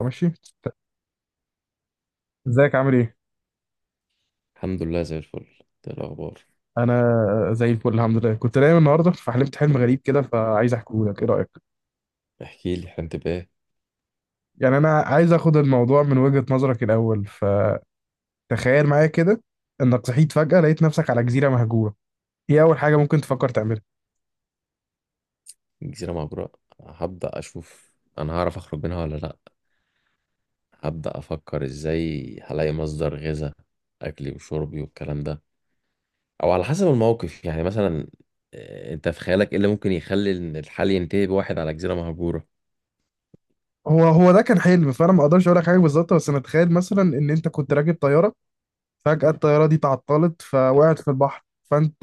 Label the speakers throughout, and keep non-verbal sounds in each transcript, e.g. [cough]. Speaker 1: ماشي. ازيك، عامل ايه؟
Speaker 2: الحمد لله زي الفل. إيه الاخبار؟
Speaker 1: انا زي الفل، الحمد لله. كنت نايم النهارده فحلمت حلم غريب كده، فعايز احكيه لك. ايه رايك؟
Speaker 2: احكي لي احنا بإيه.
Speaker 1: يعني انا عايز اخد الموضوع من وجهة نظرك الاول. فتخيل معايا كده انك صحيت فجأة لقيت نفسك على جزيرة مهجورة. ايه اول حاجة ممكن تفكر تعملها؟
Speaker 2: جزيره مبرأة؟ هبدا اشوف انا هعرف اخرج منها ولا لا. هبدا افكر ازاي هلاقي مصدر غذاء، اكلي وشربي والكلام ده. او على حسب الموقف، يعني مثلا انت في خيالك ايه اللي ممكن يخلي إن الحال ينتهي بواحد على جزيره مهجوره؟
Speaker 1: هو هو ده كان حلم، فانا ما اقدرش اقول لك حاجة بالظبط. بس انا اتخيل مثلا ان انت كنت راكب طيارة، فجأة الطيارة دي تعطلت فوقعت في البحر. فانت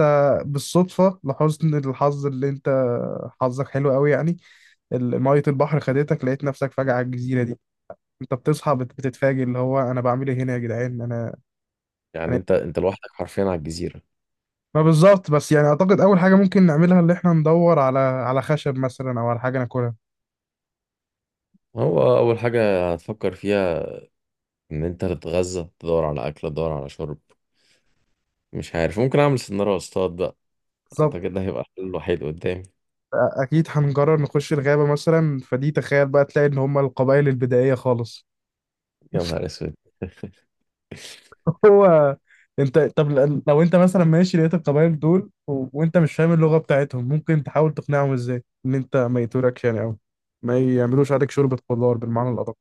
Speaker 1: بالصدفة لحسن الحظ اللي انت حظك حلو قوي يعني، مية البحر خدتك لقيت نفسك فجأة على الجزيرة دي. انت بتصحى بتتفاجئ اللي هو انا بعمل ايه هنا يا جدعان. انا
Speaker 2: يعني
Speaker 1: انا
Speaker 2: انت لوحدك حرفيا على الجزيره؟
Speaker 1: ما بالظبط بس يعني اعتقد اول حاجة ممكن نعملها اللي احنا ندور على خشب مثلا او على حاجة ناكلها.
Speaker 2: هو اول حاجه هتفكر فيها ان انت تتغذى، تدور على اكل، تدور على شرب. مش عارف، ممكن اعمل سنارة واصطاد بقى.
Speaker 1: بالظبط.
Speaker 2: اعتقد ده هيبقى الحل الوحيد قدامي.
Speaker 1: اكيد هنقرر نخش الغابة مثلا. فدي تخيل بقى تلاقي ان هم القبائل البدائية خالص.
Speaker 2: يا نهار اسود!
Speaker 1: [laughs] هو انت طب لو انت مثلا ماشي لقيت القبائل دول وانت مش فاهم اللغة بتاعتهم، ممكن تحاول تقنعهم ازاي ان انت ما يتوركش يعني، او ما يعملوش عليك شوربة خضار بالمعنى الأدق.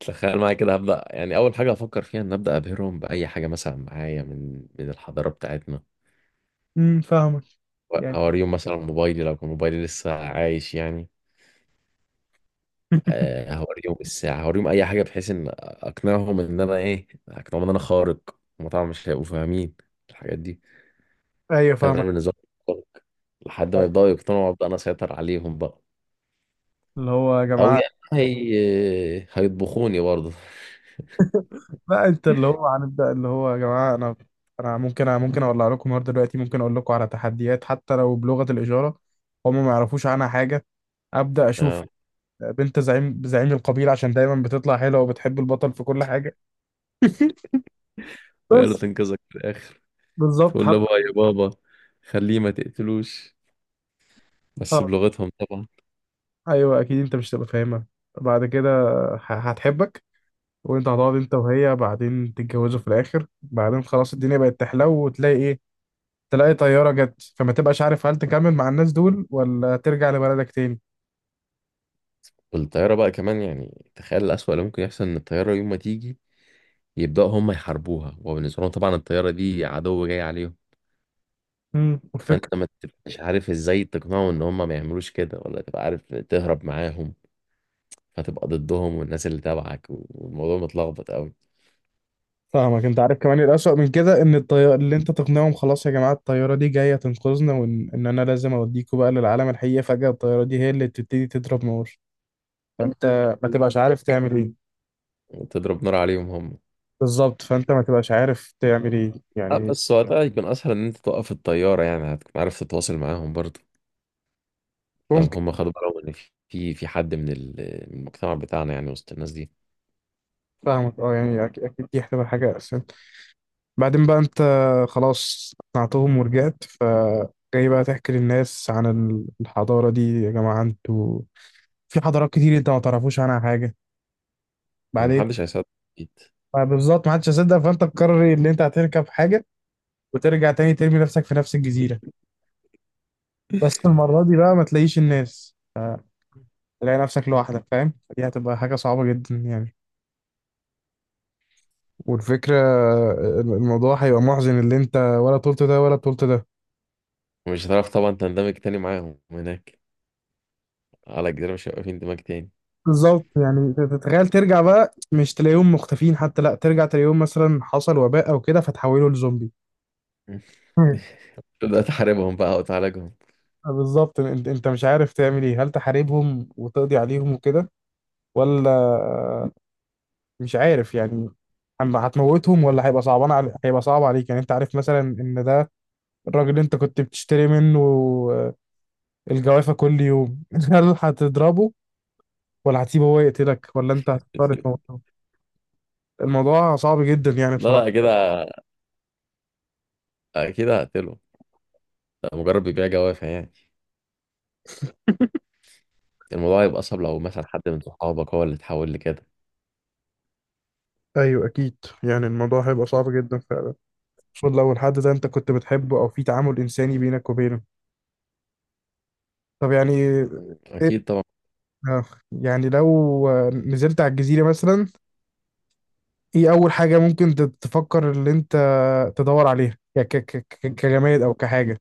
Speaker 2: تخيل معايا كده، هبدأ يعني أول حاجة أفكر فيها إن أبدأ أبهرهم بأي حاجة مثلا معايا من الحضارة بتاعتنا.
Speaker 1: فاهمك، يعني.
Speaker 2: هوريهم مثلا موبايلي، لو كان موبايلي لسه عايش يعني.
Speaker 1: [laughs]
Speaker 2: هوريهم الساعة، هوريهم أي حاجة بحيث إن أقنعهم إن أنا إيه، أقنعهم إن أنا خارق. هما طبعا مش هيبقوا فاهمين الحاجات دي،
Speaker 1: ايوه
Speaker 2: فأنا
Speaker 1: فاهمك.
Speaker 2: بالنسبة لي خارق. لحد ما يبدأوا يقتنعوا وأبدأ أنا أسيطر عليهم بقى.
Speaker 1: اللي هو يا
Speaker 2: أو
Speaker 1: جماعه.
Speaker 2: يعني هيطبخوني برضه.
Speaker 1: لا، انت اللي هو هنبدا اللي هو يا جماعه. انا ممكن اولع لكم النهارده دلوقتي، ممكن اقول لكم على تحديات حتى لو بلغه الاشاره. هم ما يعرفوش عنها حاجه. ابدا اشوف
Speaker 2: آه.
Speaker 1: بنت زعيم القبيله، عشان دايما بتطلع حلوه وبتحب البطل في كل حاجه. [laughs]
Speaker 2: ويقولوا
Speaker 1: بس
Speaker 2: تنقذك في الآخر،
Speaker 1: بالظبط
Speaker 2: تقول له
Speaker 1: حتى.
Speaker 2: بقى يا بابا خليه ما تقتلوش، بس
Speaker 1: آه،
Speaker 2: بلغتهم طبعا.
Speaker 1: ايوه اكيد انت مش هتبقى فاهمها بعد كده. هتحبك. وانت هتقعد انت وهي بعدين تتجوزوا في الاخر، بعدين خلاص الدنيا بقت تحلو وتلاقي ايه؟ تلاقي طيارة جت فما تبقاش عارف هل تكمل مع الناس دول ولا ترجع لبلدك تاني.
Speaker 2: والطيارة بقى كمان، يعني تخيل الأسوأ اللي ممكن يحصل، إن الطيارة يوم ما تيجي يبدأوا هم يحاربوها، وبالنسبة لهم طبعا الطيارة دي عدو جاي عليهم.
Speaker 1: والفكرة.
Speaker 2: فأنت ما تبقاش عارف إزاي تقنعهم إن هم ما يعملوش كده، ولا تبقى عارف تهرب معاهم، فتبقى ضدهم والناس اللي تبعك، والموضوع متلخبط قوي.
Speaker 1: فاهمك. انت عارف كمان الأسوأ من كده ان الطيارة اللي انت تقنعهم خلاص يا جماعة الطيارة دي جاية تنقذنا، وان انا لازم اوديكوا بقى للعالم الحقيقي، فجأة الطيارة دي هي اللي بتبتدي تضرب نار. فانت ما تبقاش عارف تعمل ايه.
Speaker 2: وتضرب نار عليهم هم.
Speaker 1: بالظبط، فانت ما تبقاش عارف تعمل ايه
Speaker 2: أه،
Speaker 1: يعني.
Speaker 2: بس وقتها يكون أسهل إن أنت توقف الطيارة، يعني هتكون عارف تتواصل معاهم برضه لو
Speaker 1: ممكن.
Speaker 2: هم خدوا بالهم ان في حد من من المجتمع بتاعنا يعني وسط الناس دي.
Speaker 1: فاهمك، اه يعني اكيد دي هتبقى حاجة. بعدين بقى انت خلاص اقنعتهم ورجعت، فجاي بقى تحكي للناس عن الحضارة دي يا جماعة، انتوا في حضارات كتير انت ما تعرفوش عنها حاجة. بعدين
Speaker 2: محدش هيصدق اكيد.
Speaker 1: بقى بالظبط، ما حدش هيصدق. فانت تقرر ان انت هتركب حاجة وترجع تاني ترمي نفسك في نفس الجزيرة، بس المرة دي بقى ما تلاقيش الناس، تلاقي نفسك لوحدك. فاهم، دي هتبقى حاجة صعبة جدا يعني. والفكرة الموضوع هيبقى محزن اللي انت ولا طولت ده ولا طولت ده.
Speaker 2: ومش هتعرف طبعا تندمج تاني معاهم هناك، على الجزيرة مش هيبقى في اندماج تاني.
Speaker 1: بالظبط. يعني تتخيل ترجع بقى مش تلاقيهم مختفين، حتى لا ترجع تلاقيهم مثلا حصل وباء او كده فتحولوا لزومبي.
Speaker 2: [laughs]
Speaker 1: مم.
Speaker 2: تبدأ تحاربهم بقى وتعالجهم.
Speaker 1: بالظبط. انت مش عارف تعمل ايه، هل تحاربهم وتقضي عليهم وكده، ولا مش عارف يعني. أما هتموتهم ولا هيبقى صعبان علي، هيبقى صعب عليك يعني. انت عارف مثلا ان ده الراجل اللي انت كنت بتشتري منه الجوافة كل يوم. [laughs] هل هتضربه ولا هتسيبه هو يقتلك ولا انت هتضطر تموته؟ الموضوع صعب جدا يعني
Speaker 2: لا لا
Speaker 1: بصراحة.
Speaker 2: كده أكيد هقتله، ده مجرد بيبيع جوافع يعني. الموضوع هيبقى أصعب لو مثلا حد من صحابك هو اللي اتحول لكده.
Speaker 1: ايوه اكيد. يعني الموضوع هيبق صعب جدا فعلا، خصوصا لو الحد ده انت كنت بتحبه او في تعامل انساني بينك وبينه. طب يعني إيه.
Speaker 2: أكيد طبعا.
Speaker 1: آه، يعني لو نزلت على الجزيره مثلا، ايه اول حاجه ممكن تفكر ان انت تدور عليها يعني كجماد او كحاجه؟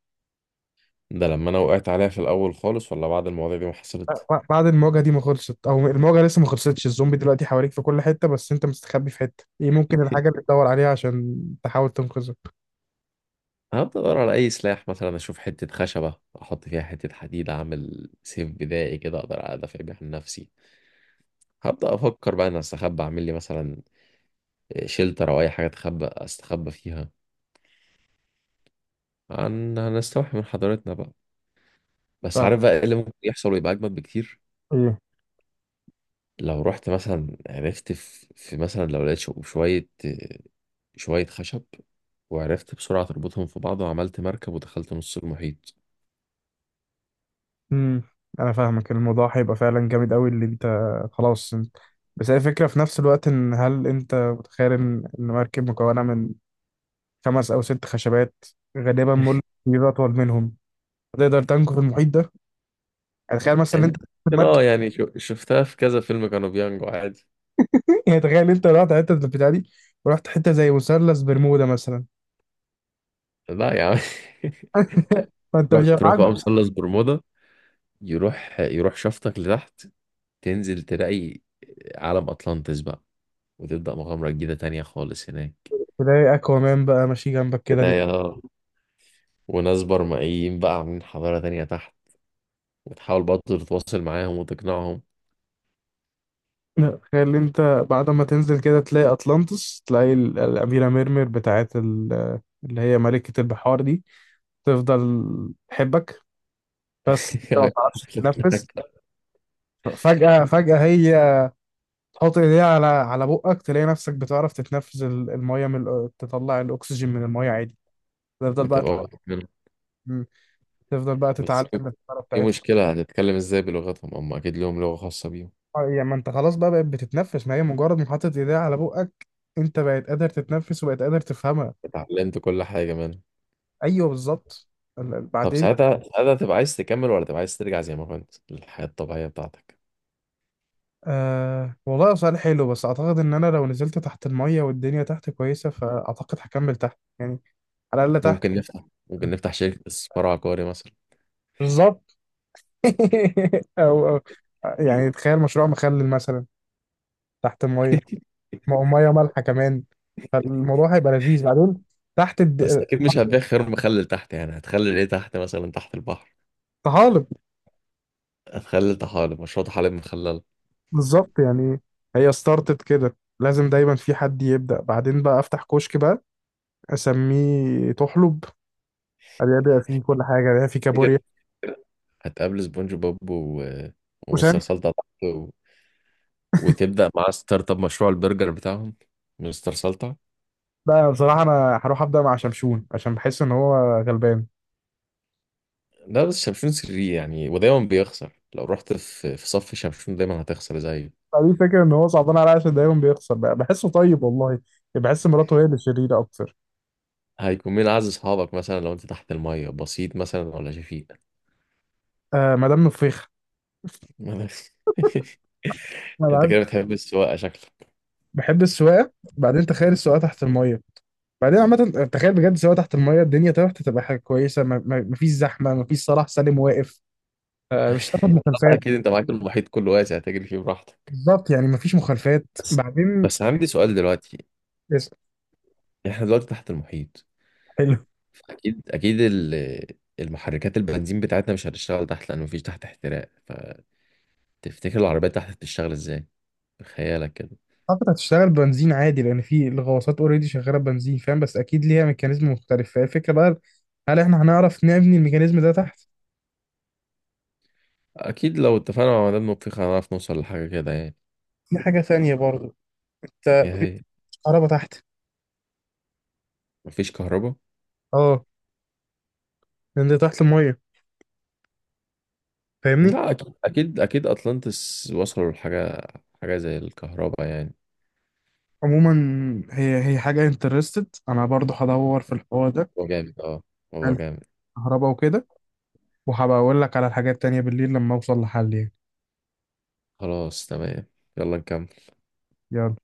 Speaker 2: ده لما أنا وقعت عليها في الأول خالص، ولا بعد المواضيع دي ما حصلت؟
Speaker 1: بعد المواجهه دي ما خلصت، او المواجهه لسه ما خلصتش الزومبي دلوقتي حواليك في كل حته بس انت مستخبي في حته، ايه ممكن الحاجه اللي تدور عليها عشان تحاول تنقذه؟
Speaker 2: هبدأ أدور على أي سلاح، مثلا أشوف حتة خشبة أحط فيها حتة حديد أعمل سيف بدائي كده أقدر أدافع بيه عن نفسي. هبدأ أفكر بقى أنا أستخبى، أعمل لي مثلا شيلتر أو أي حاجة أستخبى فيها، عن هنستوحي من حضارتنا بقى. بس عارف بقى إيه اللي ممكن يحصل ويبقى أجمد بكتير؟
Speaker 1: فاهم.
Speaker 2: لو رحت مثلا عرفت في, في مثلا لو لقيت شوية خشب وعرفت بسرعة تربطهم في بعض وعملت مركب ودخلت نص المحيط.
Speaker 1: امم انا فاهمك، الموضوع هيبقى فعلا جامد قوي اللي انت. خلاص بس هي الفكره في نفس الوقت ان هل انت متخيل ان إن مركب مكونه من خمس او ست خشبات غالبا مول كبير اطول منهم، تقدر تنكو في المحيط ده؟ يعني تخيل مثلا إن
Speaker 2: يعني
Speaker 1: انت في
Speaker 2: ممكن
Speaker 1: المركب.
Speaker 2: اه، يعني شفتها في كذا فيلم كانوا بينجوا عادي.
Speaker 1: [laughs] يعني تخيل انت رحت حته البتاع دي، ورحت حته زي مثلث برمودا مثلا.
Speaker 2: لا يا عم. [laughs]
Speaker 1: [laughs] فانت
Speaker 2: تروح
Speaker 1: مش
Speaker 2: بقى
Speaker 1: هتعجز.
Speaker 2: مثلث برمودا، يروح شفطك لتحت، تنزل تلاقي عالم أطلانتس بقى، وتبدأ مغامرة جديدة تانية خالص هناك.
Speaker 1: تلاقي اكوامان بقى ماشي جنبك كده.
Speaker 2: تلاقي اه، وناس برمائيين بقى عاملين حضارة تانية تحت، وتحاول برضه تتواصل معاهم وتقنعهم.
Speaker 1: تخيل انت بعد ما تنزل كده تلاقي اطلانتس، تلاقي الاميره ميرمير بتاعت اللي هي ملكه البحار دي، تفضل تحبك. بس انت ما بتعرفش
Speaker 2: [laughs]
Speaker 1: تتنفس. فجاه هي تحط ايديها على بقك تلاقي نفسك بتعرف تتنفس، الميه تطلع الاكسجين من الميه عادي. تفضل بقى
Speaker 2: وتبقى واخد منهم.
Speaker 1: تتعلم- تفضل بقى
Speaker 2: بس
Speaker 1: تتعلم الحركه
Speaker 2: في
Speaker 1: بتاعتهم.
Speaker 2: مشكلة، هتتكلم ازاي بلغتهم؟ هم أكيد لهم لغة خاصة بيهم.
Speaker 1: اه، يعني ما انت خلاص بقى بقت بتتنفس، ما هي مجرد ما حطت ايديها على بقك انت بقت قادر تتنفس وبقت قادر تفهمها.
Speaker 2: اتعلمت كل حاجة منهم.
Speaker 1: ايوه بالظبط.
Speaker 2: طب
Speaker 1: بعدين.
Speaker 2: ساعتها تبقى عايز تكمل ولا تبقى عايز ترجع زي ما كنت للحياة الطبيعية بتاعتك؟
Speaker 1: أه والله، هو سؤال حلو. بس اعتقد ان انا لو نزلت تحت المية والدنيا تحت كويسة، فاعتقد هكمل تحت يعني، على الاقل تحت.
Speaker 2: ممكن نفتح، شركة استثمار عقاري مثلا.
Speaker 1: بالظبط. [laughs] او يعني تخيل مشروع مخلل مثلا تحت المية، مية مالحة كمان، فالموضوع هيبقى لذيذ بعدين تحت
Speaker 2: بس أكيد مش هتبيع خيار مخلل تحت، يعني هتخلل إيه تحت، مثلا تحت البحر؟
Speaker 1: طحالب.
Speaker 2: هتخلل طحالب، مشروع طحالب مخلل.
Speaker 1: بالظبط يعني. هي ستارتت كده لازم دايما في حد يبدأ. بعدين بقى افتح كشك بقى اسميه تحلب، بيبيع فيه كل حاجة، بيبيع فيه كابوريا.
Speaker 2: تفتكر هتقابل سبونج بوب ومستر سلطة تحت وتبدأ معاه ستارت اب مشروع البرجر بتاعهم، مستر سلطة؟
Speaker 1: لا بصراحة أنا هروح أبدأ مع شمشون عشان بحس إن هو غلبان.
Speaker 2: ده بس شمشون سري يعني، ودايما بيخسر. لو رحت في صف شمشون دايما هتخسر زيه.
Speaker 1: فدي الفكرة إن هو صعبان عليا عشان دايما بيخسر بقى، بحسه طيب والله. بحس مراته هي اللي شريرة أكتر.
Speaker 2: هيكون مين عايز أصحابك مثلا لو أنت تحت المية، بسيط مثلا ولا شفيق؟
Speaker 1: آه مدام نفيخة. أنا
Speaker 2: [laughs] انت
Speaker 1: بعد.
Speaker 2: كده بتحب السواقه شكلك.
Speaker 1: بحب السواقة. بعدين تخيل السواقة تحت المية. بعدين عامة تخيل بجد السواقة تحت المية الدنيا تحت تبقى حاجة كويسة، مفيش زحمة، مفيش صلاح سالم واقف. آه مش هتاخد مخالفات.
Speaker 2: اكيد انت معاك المحيط كله واسع تجري فيه براحتك.
Speaker 1: بالظبط يعني مفيش مخالفات.
Speaker 2: بس،
Speaker 1: بعدين
Speaker 2: بس عندي سؤال دلوقتي،
Speaker 1: اس-
Speaker 2: احنا دلوقتي تحت المحيط.
Speaker 1: حلو.
Speaker 2: اكيد المحركات البنزين بتاعتنا مش هتشتغل تحت، لان مفيش تحت احتراق. فتفتكر العربيات تحت هتشتغل ازاي بخيالك كده؟
Speaker 1: اعتقد هتشتغل بنزين عادي لان في الغواصات اوريدي شغاله بنزين فاهم، بس اكيد ليها ميكانيزم مختلف، فهي الفكره بقى هل احنا هنعرف نبني الميكانيزم ده تحت؟
Speaker 2: اكيد لو اتفقنا مع مدام نطيخ هنعرف نوصل لحاجه كده يعني.
Speaker 1: دي حاجة ثانية برضو. انت
Speaker 2: يا
Speaker 1: مفيش
Speaker 2: هي،
Speaker 1: كهرباء تحت.
Speaker 2: مفيش كهرباء؟
Speaker 1: اه، لان ده تحت الميه فاهمني.
Speaker 2: لا اكيد اكيد اطلانتس وصلوا لحاجه، حاجه زي الكهرباء يعني.
Speaker 1: عموما هي هي حاجة انترستد انا برضو هدور في الحوار ده.
Speaker 2: هو جامد اه، هو
Speaker 1: هل في
Speaker 2: جامد.
Speaker 1: كهرباء وكده، وهبقى اقول لك على الحاجات التانية بالليل لما اوصل لحل يعني.
Speaker 2: خلاص تمام، يلا نكمل.
Speaker 1: يلا.